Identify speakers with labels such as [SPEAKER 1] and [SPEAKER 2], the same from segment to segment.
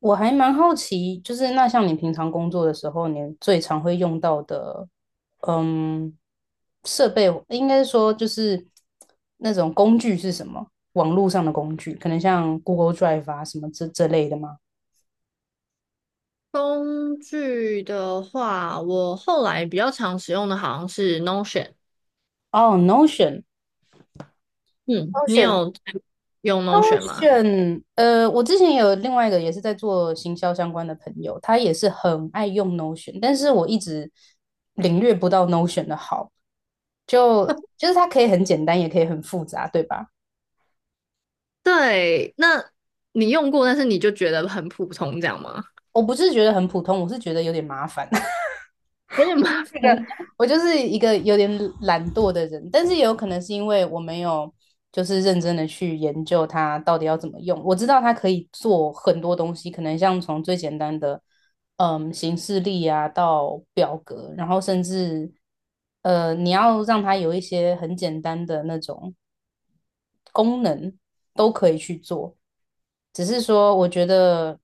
[SPEAKER 1] 我还蛮好奇，就是那像你平常工作的时候，你最常会用到的，嗯，设备应该说就是那种工具是什么？网络上的工具，可能像 Google Drive 啊什么这类的吗？
[SPEAKER 2] 工具的话，我后来比较常使用的好像是 Notion。
[SPEAKER 1] 哦
[SPEAKER 2] 嗯，你
[SPEAKER 1] ，Notion，Notion，Notion，
[SPEAKER 2] 有用 Notion 吗？
[SPEAKER 1] 我之前有另外一个也是在做行销相关的朋友，他也是很爱用 Notion，但是我一直领略不到 Notion 的好，就就是它可以很简单，也可以很复杂，对吧？
[SPEAKER 2] 对，那你用过，但是你就觉得很普通，这样吗？
[SPEAKER 1] 我不是觉得很普通，我是觉得有点麻烦。
[SPEAKER 2] 有点吗？
[SPEAKER 1] 那个我就是一个有点懒惰的人，但是也有可能是因为我没有就是认真的去研究它到底要怎么用。我知道它可以做很多东西，可能像从最简单的形式力啊到表格，然后甚至你要让它有一些很简单的那种。都。只是说，我觉得，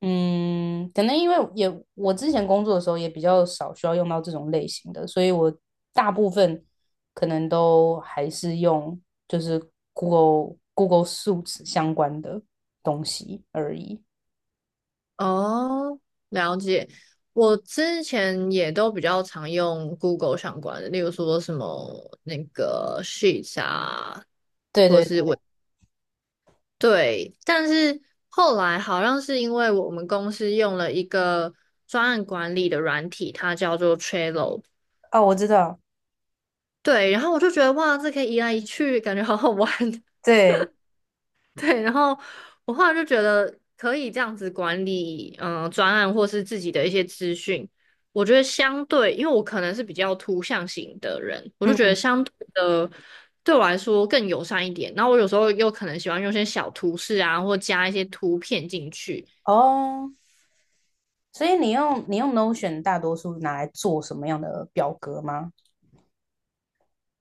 [SPEAKER 1] 可能因为也我之前工作的时候也比较少需要用到这种类型的，所以我大部分可能都还是用就是 Google Suits 相关的东西而已。
[SPEAKER 2] 哦，了解。我之前也都比较常用 Google 相关的，例如说什么那个 Sheets 啊，
[SPEAKER 1] 对
[SPEAKER 2] 或者
[SPEAKER 1] 对
[SPEAKER 2] 是
[SPEAKER 1] 对，
[SPEAKER 2] 对，但是后来好像是因为我们公司用了一个专案管理的软体，它叫做 Trello。
[SPEAKER 1] 哦，我知道，
[SPEAKER 2] 对，然后我就觉得哇，这可以移来移去，感觉好好玩。
[SPEAKER 1] 对，
[SPEAKER 2] 对，然后我后来就觉得可以这样子管理，嗯、专案或是自己的一些资讯。我觉得相对，因为我可能是比较图像型的人，我就觉得
[SPEAKER 1] 嗯，
[SPEAKER 2] 相对的对我来说更友善一点。然后我有时候又可能喜欢用一些小图示啊，或加一些图片进去。
[SPEAKER 1] 哦，所以你用 Notion 大多数拿来做什么样的表格吗？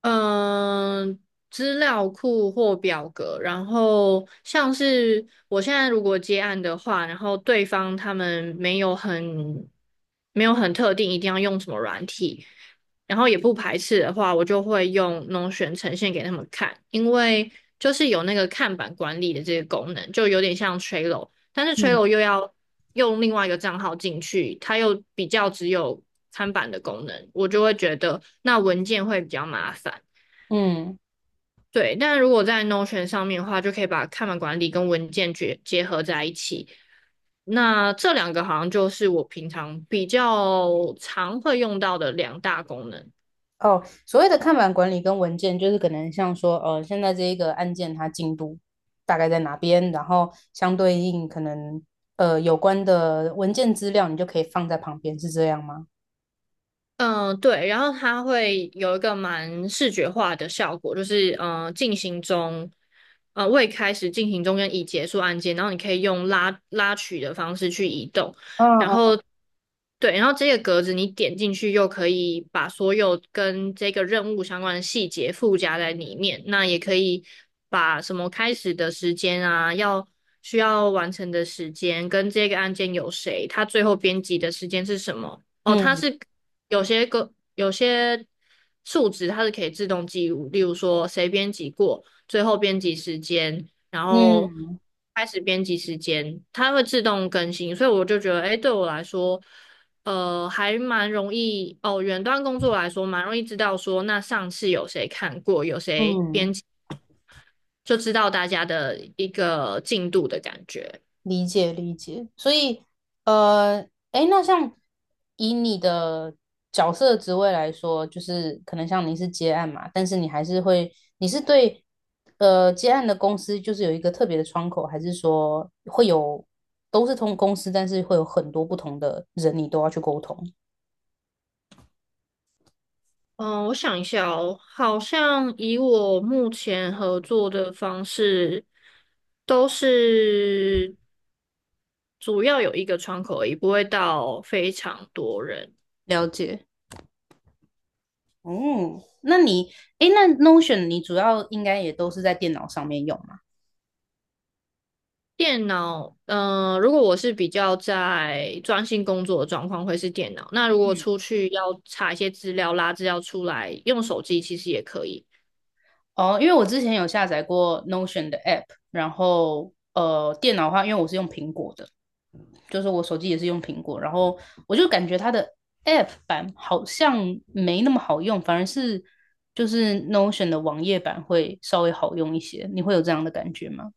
[SPEAKER 2] 嗯，资料库或表格，然后像是我现在如果接案的话，然后对方他们没有很特定一定要用什么软体，然后也不排斥的话，我就会用 n o t 呈现给他们看，因为就是有那个看板管理的这个功能，就有点像 Trello，但是
[SPEAKER 1] 嗯
[SPEAKER 2] Trello 又要用另外一个账号进去，它又比较只有看板的功能，我就会觉得那文件会比较麻烦。
[SPEAKER 1] 嗯。
[SPEAKER 2] 对，但如果在 Notion 上面的话，就可以把看板管理跟文件结结合在一起。那这两个好像就是我平常比较常会用到的两大功能。
[SPEAKER 1] 哦，所谓的看板管理跟文件，就是可能像说，现在这一个案件它进度大概在哪边，然后相对应可能有关的文件资料，你就可以放在旁边，是这样吗？
[SPEAKER 2] 嗯，对，然后它会有一个蛮视觉化的效果，就是嗯进行中，未开始进行中跟已结束按键，然后你可以用拉拉取的方式去移动，然
[SPEAKER 1] 嗯
[SPEAKER 2] 后对，然后这个格子你点进去又可以把所有跟这个任务相关的细节附加在里面，那也可以把什么开始的时间啊，要需要完成的时间跟这个案件有谁，它最后编辑的时间是什么。哦，它
[SPEAKER 1] 嗯
[SPEAKER 2] 是有些数值它是可以自动记录，例如说谁编辑过，最后编辑时间，然后
[SPEAKER 1] 嗯
[SPEAKER 2] 开始编辑时间，它会自动更新，所以我就觉得，哎，对我来说，还蛮容易哦。远端工作来说，蛮容易知道说，那上次有谁看过，有
[SPEAKER 1] 嗯
[SPEAKER 2] 谁编辑，
[SPEAKER 1] 嗯。
[SPEAKER 2] 就知道大家的一个进度的感觉。
[SPEAKER 1] 理解理解，所以呃，诶，那像以你的角色职位来说，就是可能像你是接案嘛，但是你还是会，你是对接案的公司就是有一个特别的窗口，还是说会有都是同公司，但是会有很多不同的人，你都要去沟通？
[SPEAKER 2] 嗯，我想一下哦，好像以我目前合作的方式，都是主要有一个窗口而已，不会到非常多人。
[SPEAKER 1] 了解。哦，那你，诶，那 Notion 你主要应该也都是在电脑上面用吗？
[SPEAKER 2] 电脑，嗯、如果我是比较在专心工作的状况，会是电脑。那如果出去要查一些资料、拉资料出来，用手机其实也可以。
[SPEAKER 1] 哦，因为我之前有下载过 Notion 的 app，然后电脑的话，因为我是用苹果的，就是我手机也是用苹果，然后我就感觉它的 app 版好像没那么好用，反而是就是 Notion 的网页版会稍微好用一些。你会有这样的感觉吗？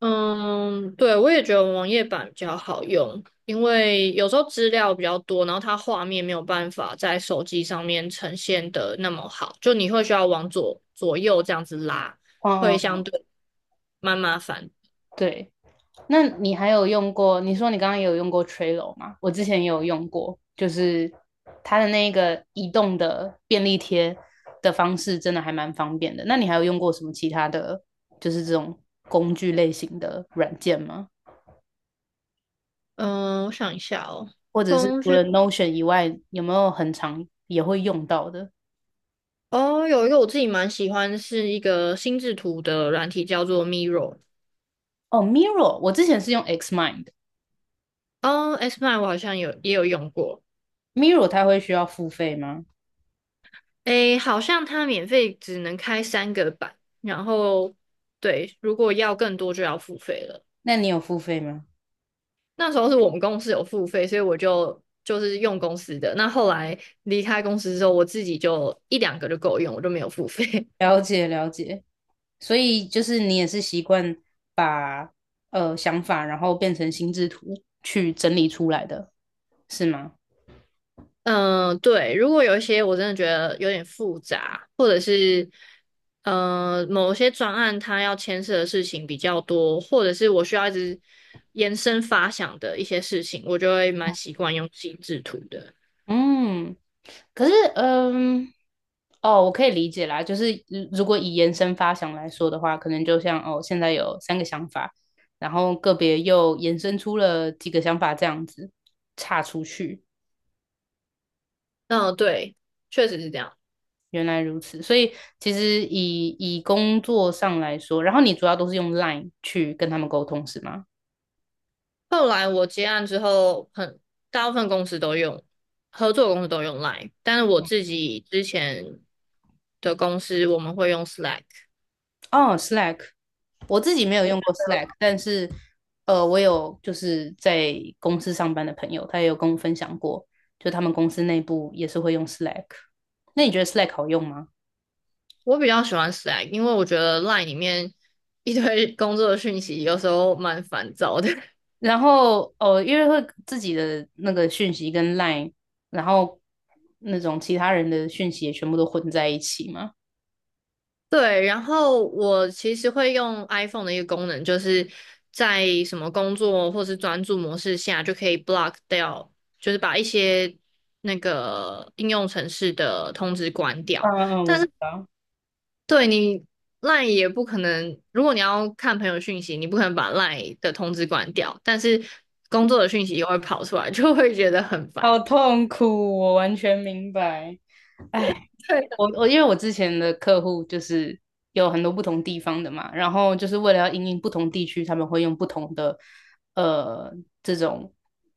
[SPEAKER 2] 嗯，对，我也觉得网页版比较好用，因为有时候资料比较多，然后它画面没有办法在手机上面呈现的那么好，就你会需要往左右这样子拉，
[SPEAKER 1] 嗯
[SPEAKER 2] 会
[SPEAKER 1] 嗯
[SPEAKER 2] 相
[SPEAKER 1] 嗯
[SPEAKER 2] 对蛮麻烦。
[SPEAKER 1] 对。那你还有用过？你说你刚刚也有用过 Trello 吗？我之前也有用过，就是它的那个移动的便利贴的方式，真的还蛮方便的。那你还有用过什么其他的，就是这种工具类型的软件吗？
[SPEAKER 2] 嗯，我想一下哦，
[SPEAKER 1] 或者是
[SPEAKER 2] 工
[SPEAKER 1] 除
[SPEAKER 2] 具
[SPEAKER 1] 了 Notion 以外，有没有很常也会用到的？
[SPEAKER 2] 哦，有一个我自己蛮喜欢，是一个心智图的软体，叫做 Miro。
[SPEAKER 1] 哦，Miro，我之前是用 Xmind，Miro
[SPEAKER 2] 哦 s mine 我好像也有用过。
[SPEAKER 1] 它会需要付费吗？
[SPEAKER 2] 诶，好像它免费只能开三个版，然后对，如果要更多就要付费了。
[SPEAKER 1] 那你有付费吗？
[SPEAKER 2] 那时候是我们公司有付费，所以我就是用公司的。那后来离开公司之后，我自己就一两个就够用，我就没有付费。
[SPEAKER 1] 了解了解，所以就是你也是习惯把想法，然后变成心智图去整理出来的，是吗？
[SPEAKER 2] 嗯，对，如果有一些我真的觉得有点复杂，或者是某些专案它要牵涉的事情比较多，或者是我需要一直延伸发想的一些事情，我就会蛮习惯用心制图的。
[SPEAKER 1] 嗯，可是哦，我可以理解啦，就是如果以延伸发想来说的话，可能就像哦，现在有三个想法，然后个别又延伸出了几个想法这样子岔出去，
[SPEAKER 2] 嗯，对，确实是这样。
[SPEAKER 1] 原来如此，所以其实以工作上来说，然后你主要都是用 Line 去跟他们沟通是吗？
[SPEAKER 2] 后来我接案之后，很大部分公司都用，合作公司都用 Line，但是我自己之前的公司我们会用 Slack。
[SPEAKER 1] 哦，Slack，我自己没有用过 Slack，但是我有就是在公司上班的朋友，他也有跟我分享过，就他们公司内部也是会用 Slack。那你觉得 Slack 好用吗？
[SPEAKER 2] 我比较喜欢 Slack，因为我觉得 Line 里面一堆工作讯息有时候蛮烦躁的。
[SPEAKER 1] 然后哦，因为会自己的那个讯息跟 Line，然后那种其他人的讯息也全部都混在一起嘛。
[SPEAKER 2] 对，然后我其实会用 iPhone 的一个功能，就是在什么工作或是专注模式下，就可以 block 掉，就是把一些那个应用程式的通知关
[SPEAKER 1] 嗯
[SPEAKER 2] 掉。
[SPEAKER 1] 嗯，我知道。
[SPEAKER 2] 对你 LINE 也不可能，如果你要看朋友讯息，你不可能把 LINE 的通知关掉，但是工作的讯息又会跑出来，就会觉得很烦
[SPEAKER 1] 好痛苦，我完全明白。
[SPEAKER 2] 对，
[SPEAKER 1] 我因为我之前的客户就是有很多不同地方的嘛，然后就是为了要因应不同地区，他们会用不同的呃这种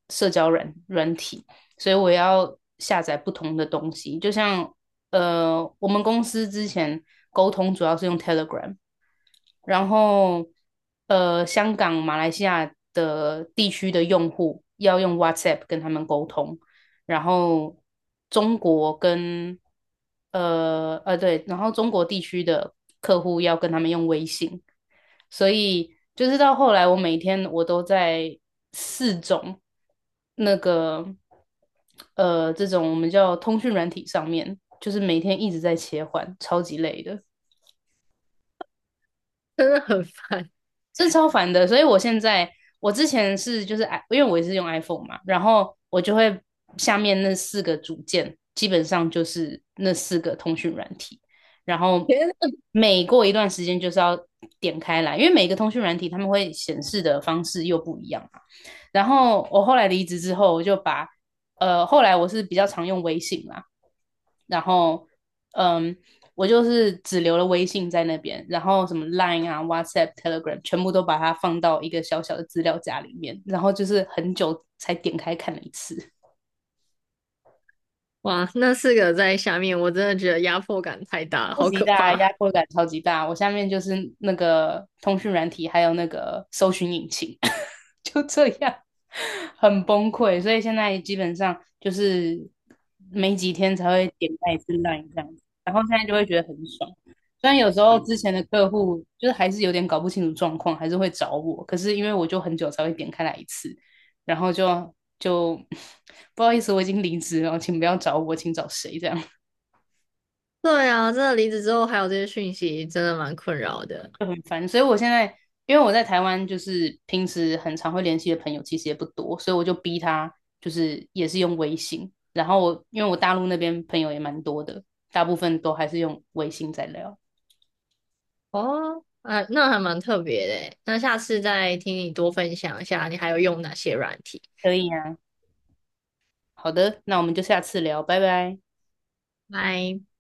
[SPEAKER 1] 社交软体，所以我要下载不同的东西。就像我们公司之前沟通主要是用 Telegram，然后香港、马来西亚的地区的用户要用 WhatsApp 跟他们沟通，然后中国跟对，然后中国地区的客户要跟他们用微信，所以就是到后来，我每天都在四种那个这种我们叫通讯软体上面，就是每天一直在切换，超级累的。
[SPEAKER 2] 真的很烦。
[SPEAKER 1] 这超烦的。所以我现在，我之前是就是 i，因为我也是用 iPhone 嘛，然后我就会下面那四个组件，基本上就是那四个通讯软体，然后
[SPEAKER 2] 天啊，
[SPEAKER 1] 每过一段时间就是要点开来，因为每个通讯软体他们会显示的方式又不一样嘛。然后我后来离职之后，我就把后来我是比较常用微信啦，然后嗯，我就是只留了微信在那边，然后什么 Line 啊、WhatsApp、Telegram 全部都把它放到一个小小的资料夹里面，然后就是很久才点开看了一次，
[SPEAKER 2] 哇，那四个在下面，我真的觉得压迫感太大了，
[SPEAKER 1] 超
[SPEAKER 2] 好
[SPEAKER 1] 级
[SPEAKER 2] 可
[SPEAKER 1] 大，压
[SPEAKER 2] 怕。
[SPEAKER 1] 迫感超级大。我下面就是那个通讯软体，还有那个搜寻引擎。就这样，很崩溃。所以现在基本上就是没几天才会点开一次 l i n 这样子，然后现在就会觉得很爽。虽然有时候之前的客户就是还是有点搞不清楚状况，还是会找我，可是因为我就很久才会点开来一次，然后就 不好意思，我已经离职了，请不要找我，请找谁这样。
[SPEAKER 2] 对啊，真的离职之后还有这些讯息，真的蛮困扰的。
[SPEAKER 1] 就很烦，所以我现在因为我在台湾，就是平时很常会联系的朋友其实也不多，所以我就逼他，就是也是用微信。然后我因为我大陆那边朋友也蛮多的，大部分都还是用微信在聊。
[SPEAKER 2] 哦，哎，那还蛮特别的欸。那下次再听你多分享一下，你还有用哪些软体。
[SPEAKER 1] 可以啊，好的，那我们就下次聊，拜拜。
[SPEAKER 2] 拜。